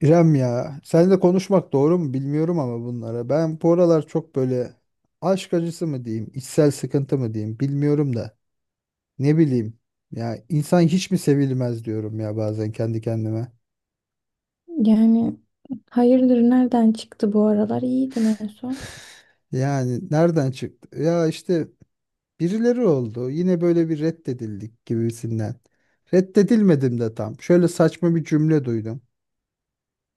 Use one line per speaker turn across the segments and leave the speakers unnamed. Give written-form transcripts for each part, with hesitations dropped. İrem ya, seninle konuşmak doğru mu bilmiyorum ama bunlara. Ben bu aralar çok böyle aşk acısı mı diyeyim, içsel sıkıntı mı diyeyim bilmiyorum da. Ne bileyim ya, insan hiç mi sevilmez diyorum ya bazen kendi kendime.
Yani Hayırdır nereden çıktı bu aralar? İyiydin en son.
Yani nereden çıktı? Ya işte birileri oldu. Yine böyle bir reddedildik gibisinden. Reddedilmedim de tam. Şöyle saçma bir cümle duydum.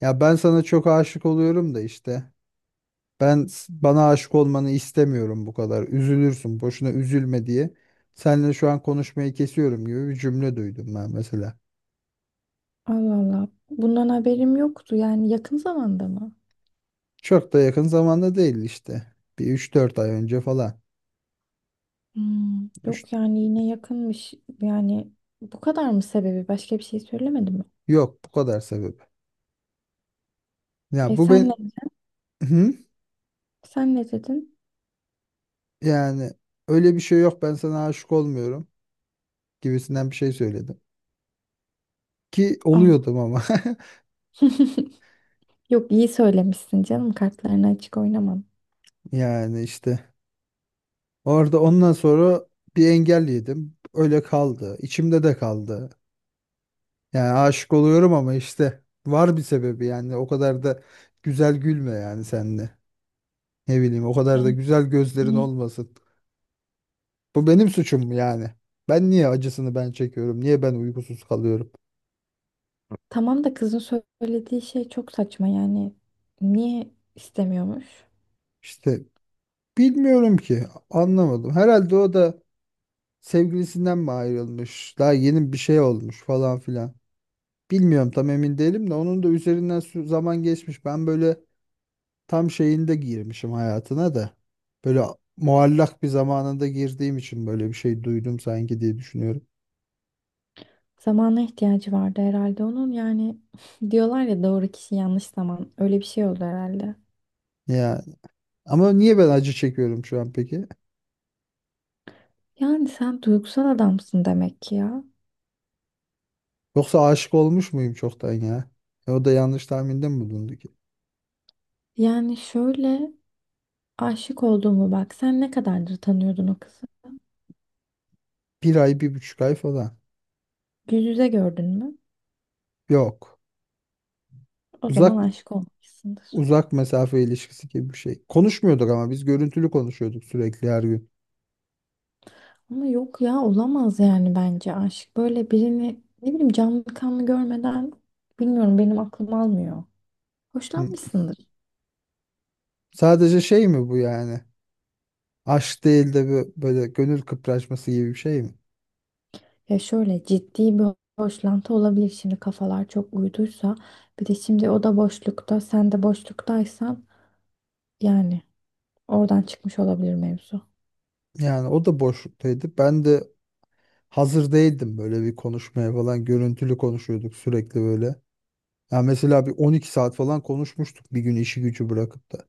Ya ben sana çok aşık oluyorum da işte. Bana aşık olmanı istemiyorum bu kadar. Üzülürsün. Boşuna üzülme diye. Seninle şu an konuşmayı kesiyorum gibi bir cümle duydum ben mesela.
Allah Allah. Bundan haberim yoktu. Yani yakın zamanda mı?
Çok da yakın zamanda değil işte. Bir üç dört ay önce falan.
Hmm,
Üç-
yok yani yine yakınmış. Yani bu kadar mı sebebi? Başka bir şey söylemedi mi?
Yok, bu kadar sebep. Ya
E
bu
sen ne,
ben. Hı?
Sen ne dedin?
Yani öyle bir şey yok, ben sana aşık olmuyorum gibisinden bir şey söyledim. Ki
Allah.
oluyordum ama.
Yok, iyi söylemişsin canım. Kartlarını açık oynamam.
Yani işte orada ondan sonra bir engel yedim. Öyle kaldı. İçimde de kaldı. Yani aşık oluyorum ama işte var bir sebebi, yani o kadar da güzel gülme yani senle. Ne bileyim, o kadar da güzel gözlerin
Yani
olmasın. Bu benim suçum mu yani? Ben niye acısını ben çekiyorum? Niye ben uykusuz kalıyorum?
tamam da kızın söylediği şey çok saçma yani. Niye istemiyormuş?
İşte bilmiyorum ki, anlamadım. Herhalde o da sevgilisinden mi ayrılmış? Daha yeni bir şey olmuş falan filan. Bilmiyorum, tam emin değilim de onun da üzerinden zaman geçmiş. Ben böyle tam şeyinde girmişim hayatına da. Böyle muallak bir zamanında girdiğim için böyle bir şey duydum sanki diye düşünüyorum.
Zamana ihtiyacı vardı herhalde onun. Yani diyorlar ya, doğru kişi yanlış zaman. Öyle bir şey oldu herhalde.
Ya ama niye ben acı çekiyorum şu an peki?
Yani sen duygusal adamsın demek ki ya.
Yoksa aşık olmuş muyum çoktan ya? E, o da yanlış tahminde mi bulundu ki?
Yani şöyle, aşık olduğumu bak. Sen ne kadardır tanıyordun o kızı?
Bir ay, bir buçuk ay falan.
Yüz yüze gördün mü?
Yok.
O zaman
Uzak,
aşık olmuşsundur.
mesafe ilişkisi gibi bir şey. Konuşmuyorduk ama, biz görüntülü konuşuyorduk sürekli her gün.
Ama yok ya, olamaz yani bence aşk. Böyle birini ne bileyim canlı kanlı görmeden bilmiyorum, benim aklım almıyor.
Hı.
Hoşlanmışsındır.
Sadece şey mi bu yani? Aşk değil de böyle gönül kıpraşması gibi bir şey mi?
Ya şöyle, ciddi bir boşlantı olabilir şimdi, kafalar çok uyduysa. Bir de şimdi o da boşlukta, sen de boşluktaysan yani oradan çıkmış olabilir mevzu.
Yani o da boşluktaydı. Ben de hazır değildim böyle bir konuşmaya falan. Görüntülü konuşuyorduk sürekli böyle. Ya mesela bir 12 saat falan konuşmuştuk bir gün, işi gücü bırakıp da.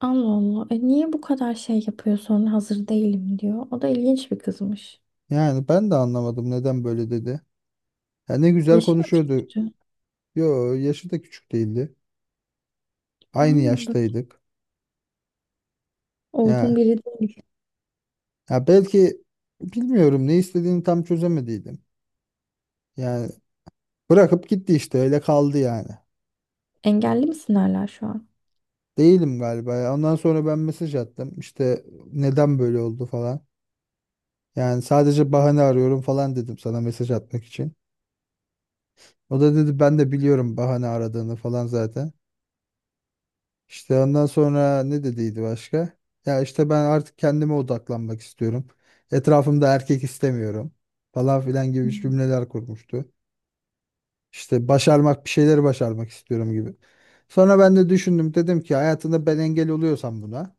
Allah Allah. E niye bu kadar şey yapıyor sonra hazır değilim diyor. O da ilginç bir kızmış.
Yani ben de anlamadım neden böyle dedi. Ya ne güzel
Yaşı mı
konuşuyordu.
küçüktü?
Yo, yaşı da küçük değildi. Aynı
Yani böyle
yaştaydık.
olgun
Ya,
biri değil.
ya belki bilmiyorum, ne istediğini tam çözemediydim. Yani bırakıp gitti işte, öyle kaldı yani.
Engelli mi hala şu an?
Değilim galiba ya. Ondan sonra ben mesaj attım. İşte neden böyle oldu falan. Yani sadece bahane arıyorum falan dedim sana mesaj atmak için. O da dedi ben de biliyorum bahane aradığını falan zaten. İşte ondan sonra ne dediydi başka? Ya işte ben artık kendime odaklanmak istiyorum. Etrafımda erkek istemiyorum falan filan gibi
Hmm.
cümleler kurmuştu. İşte başarmak, bir şeyleri başarmak istiyorum gibi. Sonra ben de düşündüm, dedim ki hayatında ben engel oluyorsam buna,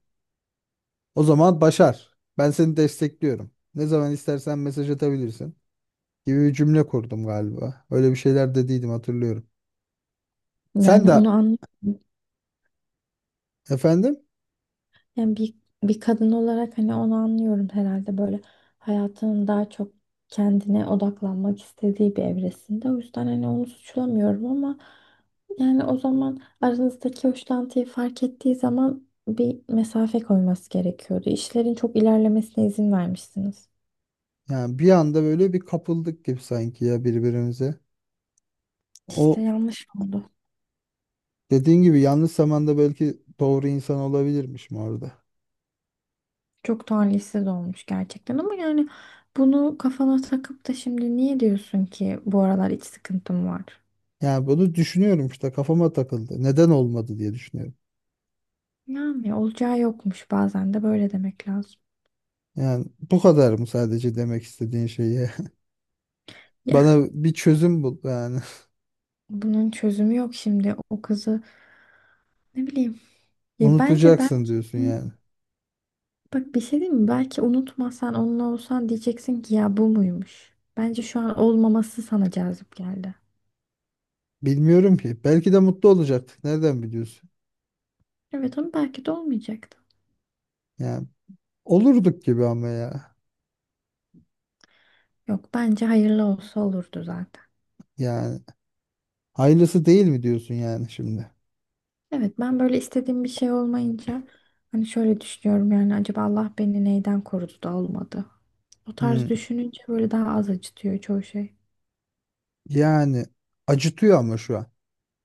o zaman başar. Ben seni destekliyorum. Ne zaman istersen mesaj atabilirsin gibi bir cümle kurdum galiba. Öyle bir şeyler dediydim, hatırlıyorum. Sen
Yani onu
de
anlamadım.
efendim.
Yani bir, Bir kadın olarak hani onu anlıyorum herhalde, böyle hayatının daha çok kendine odaklanmak istediği bir evresinde. O yüzden hani onu suçlamıyorum ama yani o zaman aranızdaki hoşlantıyı fark ettiği zaman bir mesafe koyması gerekiyordu. İşlerin çok ilerlemesine izin vermişsiniz.
Yani bir anda böyle bir kapıldık gibi sanki ya birbirimize.
İşte
O
yanlış oldu.
dediğin gibi yanlış zamanda belki doğru insan olabilirmişim orada.
Çok talihsiz olmuş gerçekten ama yani bunu kafana takıp da şimdi niye diyorsun ki bu aralar iç sıkıntım var?
Yani bunu düşünüyorum işte, kafama takıldı. Neden olmadı diye düşünüyorum.
Yani olacağı yokmuş, bazen de böyle demek lazım.
Yani bu kadar mı sadece demek istediğin şeyi?
Ya
Bana bir çözüm bul yani.
bunun çözümü yok şimdi, o kızı ne bileyim. Ya bence
Unutacaksın
belki,
diyorsun yani.
bak bir şey diyeyim mi? Belki unutmasan onunla olsan, diyeceksin ki ya bu muymuş? Bence şu an olmaması sana cazip geldi.
Bilmiyorum ki. Belki de mutlu olacaktık. Nereden biliyorsun?
Evet ama belki de olmayacaktı.
Yani olurduk gibi ama ya.
Yok, bence hayırlı olsa olurdu zaten.
Yani hayırlısı değil mi diyorsun yani şimdi?
Evet, ben böyle istediğim bir şey olmayınca hani şöyle düşünüyorum, yani acaba Allah beni neyden korudu da olmadı. O tarz
Hmm.
düşününce böyle daha az acıtıyor çoğu şey.
Yani acıtıyor ama şu an.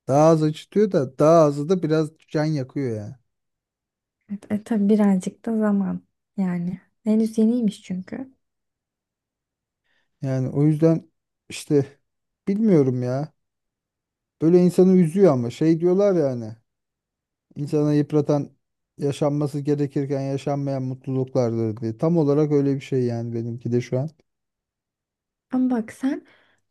Daha az acıtıyor da daha azı da biraz can yakıyor yani.
Evet, E, tabii birazcık da zaman yani. Henüz yeniymiş çünkü.
Yani o yüzden işte bilmiyorum ya. Böyle insanı üzüyor ama şey diyorlar yani. İnsana yıpratan yaşanması gerekirken yaşanmayan mutluluklardır diye. Tam olarak öyle bir şey yani, benimki de şu an.
Ama bak sen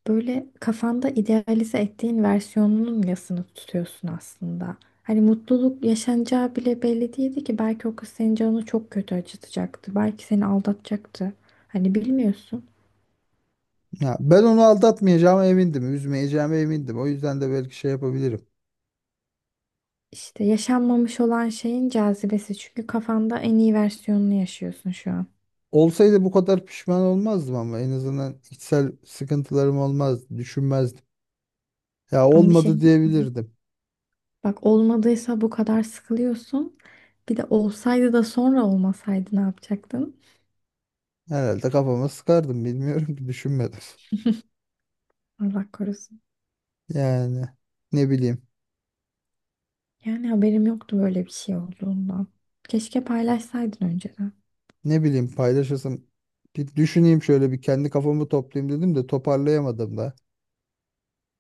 böyle kafanda idealize ettiğin versiyonunun yasını tutuyorsun aslında. Hani mutluluk yaşanacağı bile belli değildi ki, belki o kız senin canını çok kötü acıtacaktı. Belki seni aldatacaktı. Hani bilmiyorsun.
Ya ben onu aldatmayacağıma emindim, üzmeyeceğime emindim. O yüzden de belki şey yapabilirim.
İşte yaşanmamış olan şeyin cazibesi, çünkü kafanda en iyi versiyonunu yaşıyorsun şu an.
Olsaydı bu kadar pişman olmazdım, ama en azından içsel sıkıntılarım olmazdı, düşünmezdim. Ya
Ama bir şey.
olmadı diyebilirdim.
Bak, olmadıysa bu kadar sıkılıyorsun. Bir de olsaydı da sonra olmasaydı ne yapacaktın?
Herhalde kafama sıkardım, bilmiyorum ki, düşünmedim.
Allah korusun.
Yani ne bileyim,
Yani haberim yoktu böyle bir şey olduğundan. Keşke paylaşsaydın önceden.
ne bileyim paylaşasım. Bir düşüneyim, şöyle bir kendi kafamı toplayayım dedim de toparlayamadım da.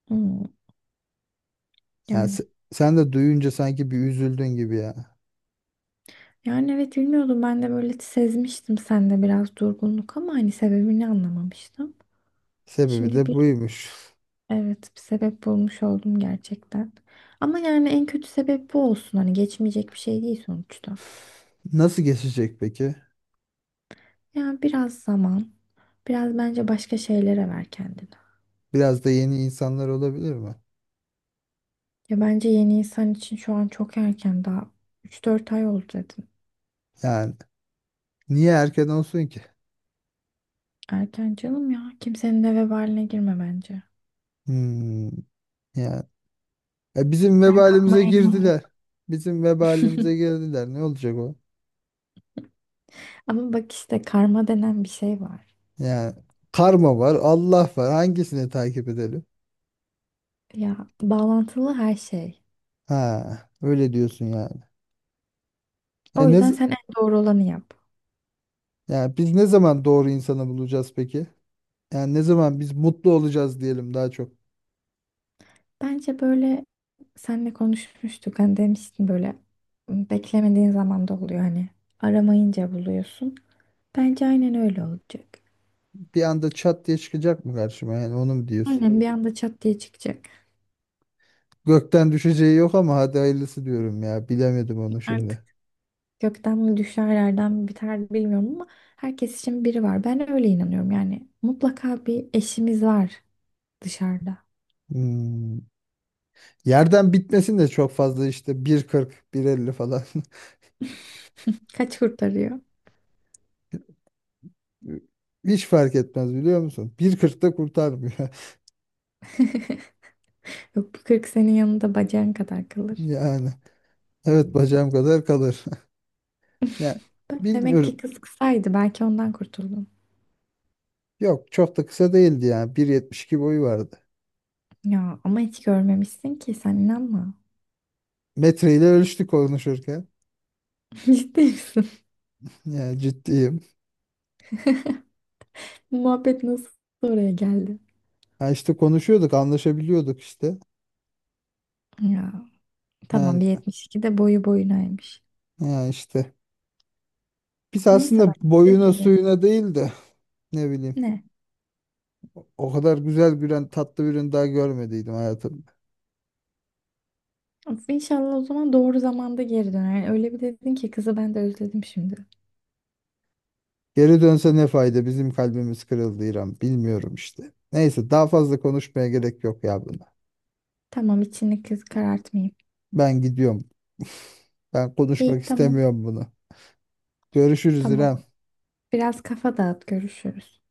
Hmm,
Yani
yani.
sen de duyunca sanki bir üzüldün gibi ya.
Yani evet, bilmiyordum, ben de böyle sezmiştim sende biraz durgunluk ama hani sebebini anlamamıştım.
Sebebi
Şimdi
de
bir
buymuş.
Evet, bir sebep bulmuş oldum gerçekten. Ama yani en kötü sebep bu olsun, hani geçmeyecek bir şey değil sonuçta.
Nasıl geçecek peki?
Yani biraz zaman, Biraz bence başka şeylere ver kendini.
Biraz da yeni insanlar olabilir mi?
Ya bence yeni insan için şu an çok erken, daha üç dört ay oldu dedin.
Yani niye erken olsun ki?
Erken canım ya. Kimsenin de vebaline girme bence.
Hmm. Yani, ya bizim
Ben
vebalimize
karmaya inanıyorum.
girdiler. Bizim vebalimize girdiler. Ne olacak o?
Ama bak, işte karma denen bir şey var.
Yani karma var, Allah var. Hangisini takip edelim?
Ya, bağlantılı her şey.
Ha, öyle diyorsun yani. E
O
ne,
yüzden
z-
sen en doğru olanı yap.
Yani biz ne zaman doğru insanı bulacağız peki? Yani ne zaman biz mutlu olacağız diyelim daha çok.
Bence böyle, senle konuşmuştuk. Hani demiştin böyle, "Hmm, beklemediğin zaman da oluyor hani. Aramayınca buluyorsun." Bence aynen öyle olacak.
Bir anda çat diye çıkacak mı karşıma, yani onu mu diyorsun?
Aynen bir anda çat diye çıkacak.
Gökten düşeceği yok ama hadi hayırlısı diyorum ya. Bilemedim onu
Artık
şimdi.
gökten mi düşer yerden mi biter bilmiyorum ama herkes için biri var. Ben öyle inanıyorum yani. Mutlaka bir eşimiz var dışarıda.
Hmm. Yerden bitmesin de çok fazla, işte 1,40, 1,50 falan.
Kaç kurtarıyor?
Hiç fark etmez biliyor musun? 1,40'ta kurtarmıyor.
Yok, bu 40 senin yanında bacağın kadar kalır.
Yani evet, bacağım kadar kalır. Ya
Bak, demek ki
bilmiyorum.
kız kısaydı, belki ondan kurtuldun.
Yok, çok da kısa değildi yani. 1,72 boyu vardı.
Ya ama hiç görmemişsin ki sen, inanma.
Metreyle ölçtük konuşurken.
Ciddi misin?
Yani ciddiyim.
Muhabbet nasıl oraya geldi?
Ha işte konuşuyorduk, anlaşabiliyorduk işte.
Ya tamam,
Yani,
bir 72 de boyu boyunaymış.
yani işte. Biz
Neyse
aslında
bak, dediğim
boyuna
gibi.
suyuna değil de, ne bileyim.
Ne?
O kadar güzel, bir tatlı bir ürün daha görmediydim hayatım.
Of, İnşallah o zaman doğru zamanda geri döner. Yani öyle bir dedin ki kızı, ben de özledim şimdi.
Geri dönse ne fayda? Bizim kalbimiz kırıldı İrem. Bilmiyorum işte. Neyse, daha fazla konuşmaya gerek yok ya buna.
Tamam, içini kız karartmayayım.
Ben gidiyorum. Ben konuşmak
İyi, tamam
istemiyorum bunu. Görüşürüz İrem.
tamam. Biraz kafa dağıt, görüşürüz.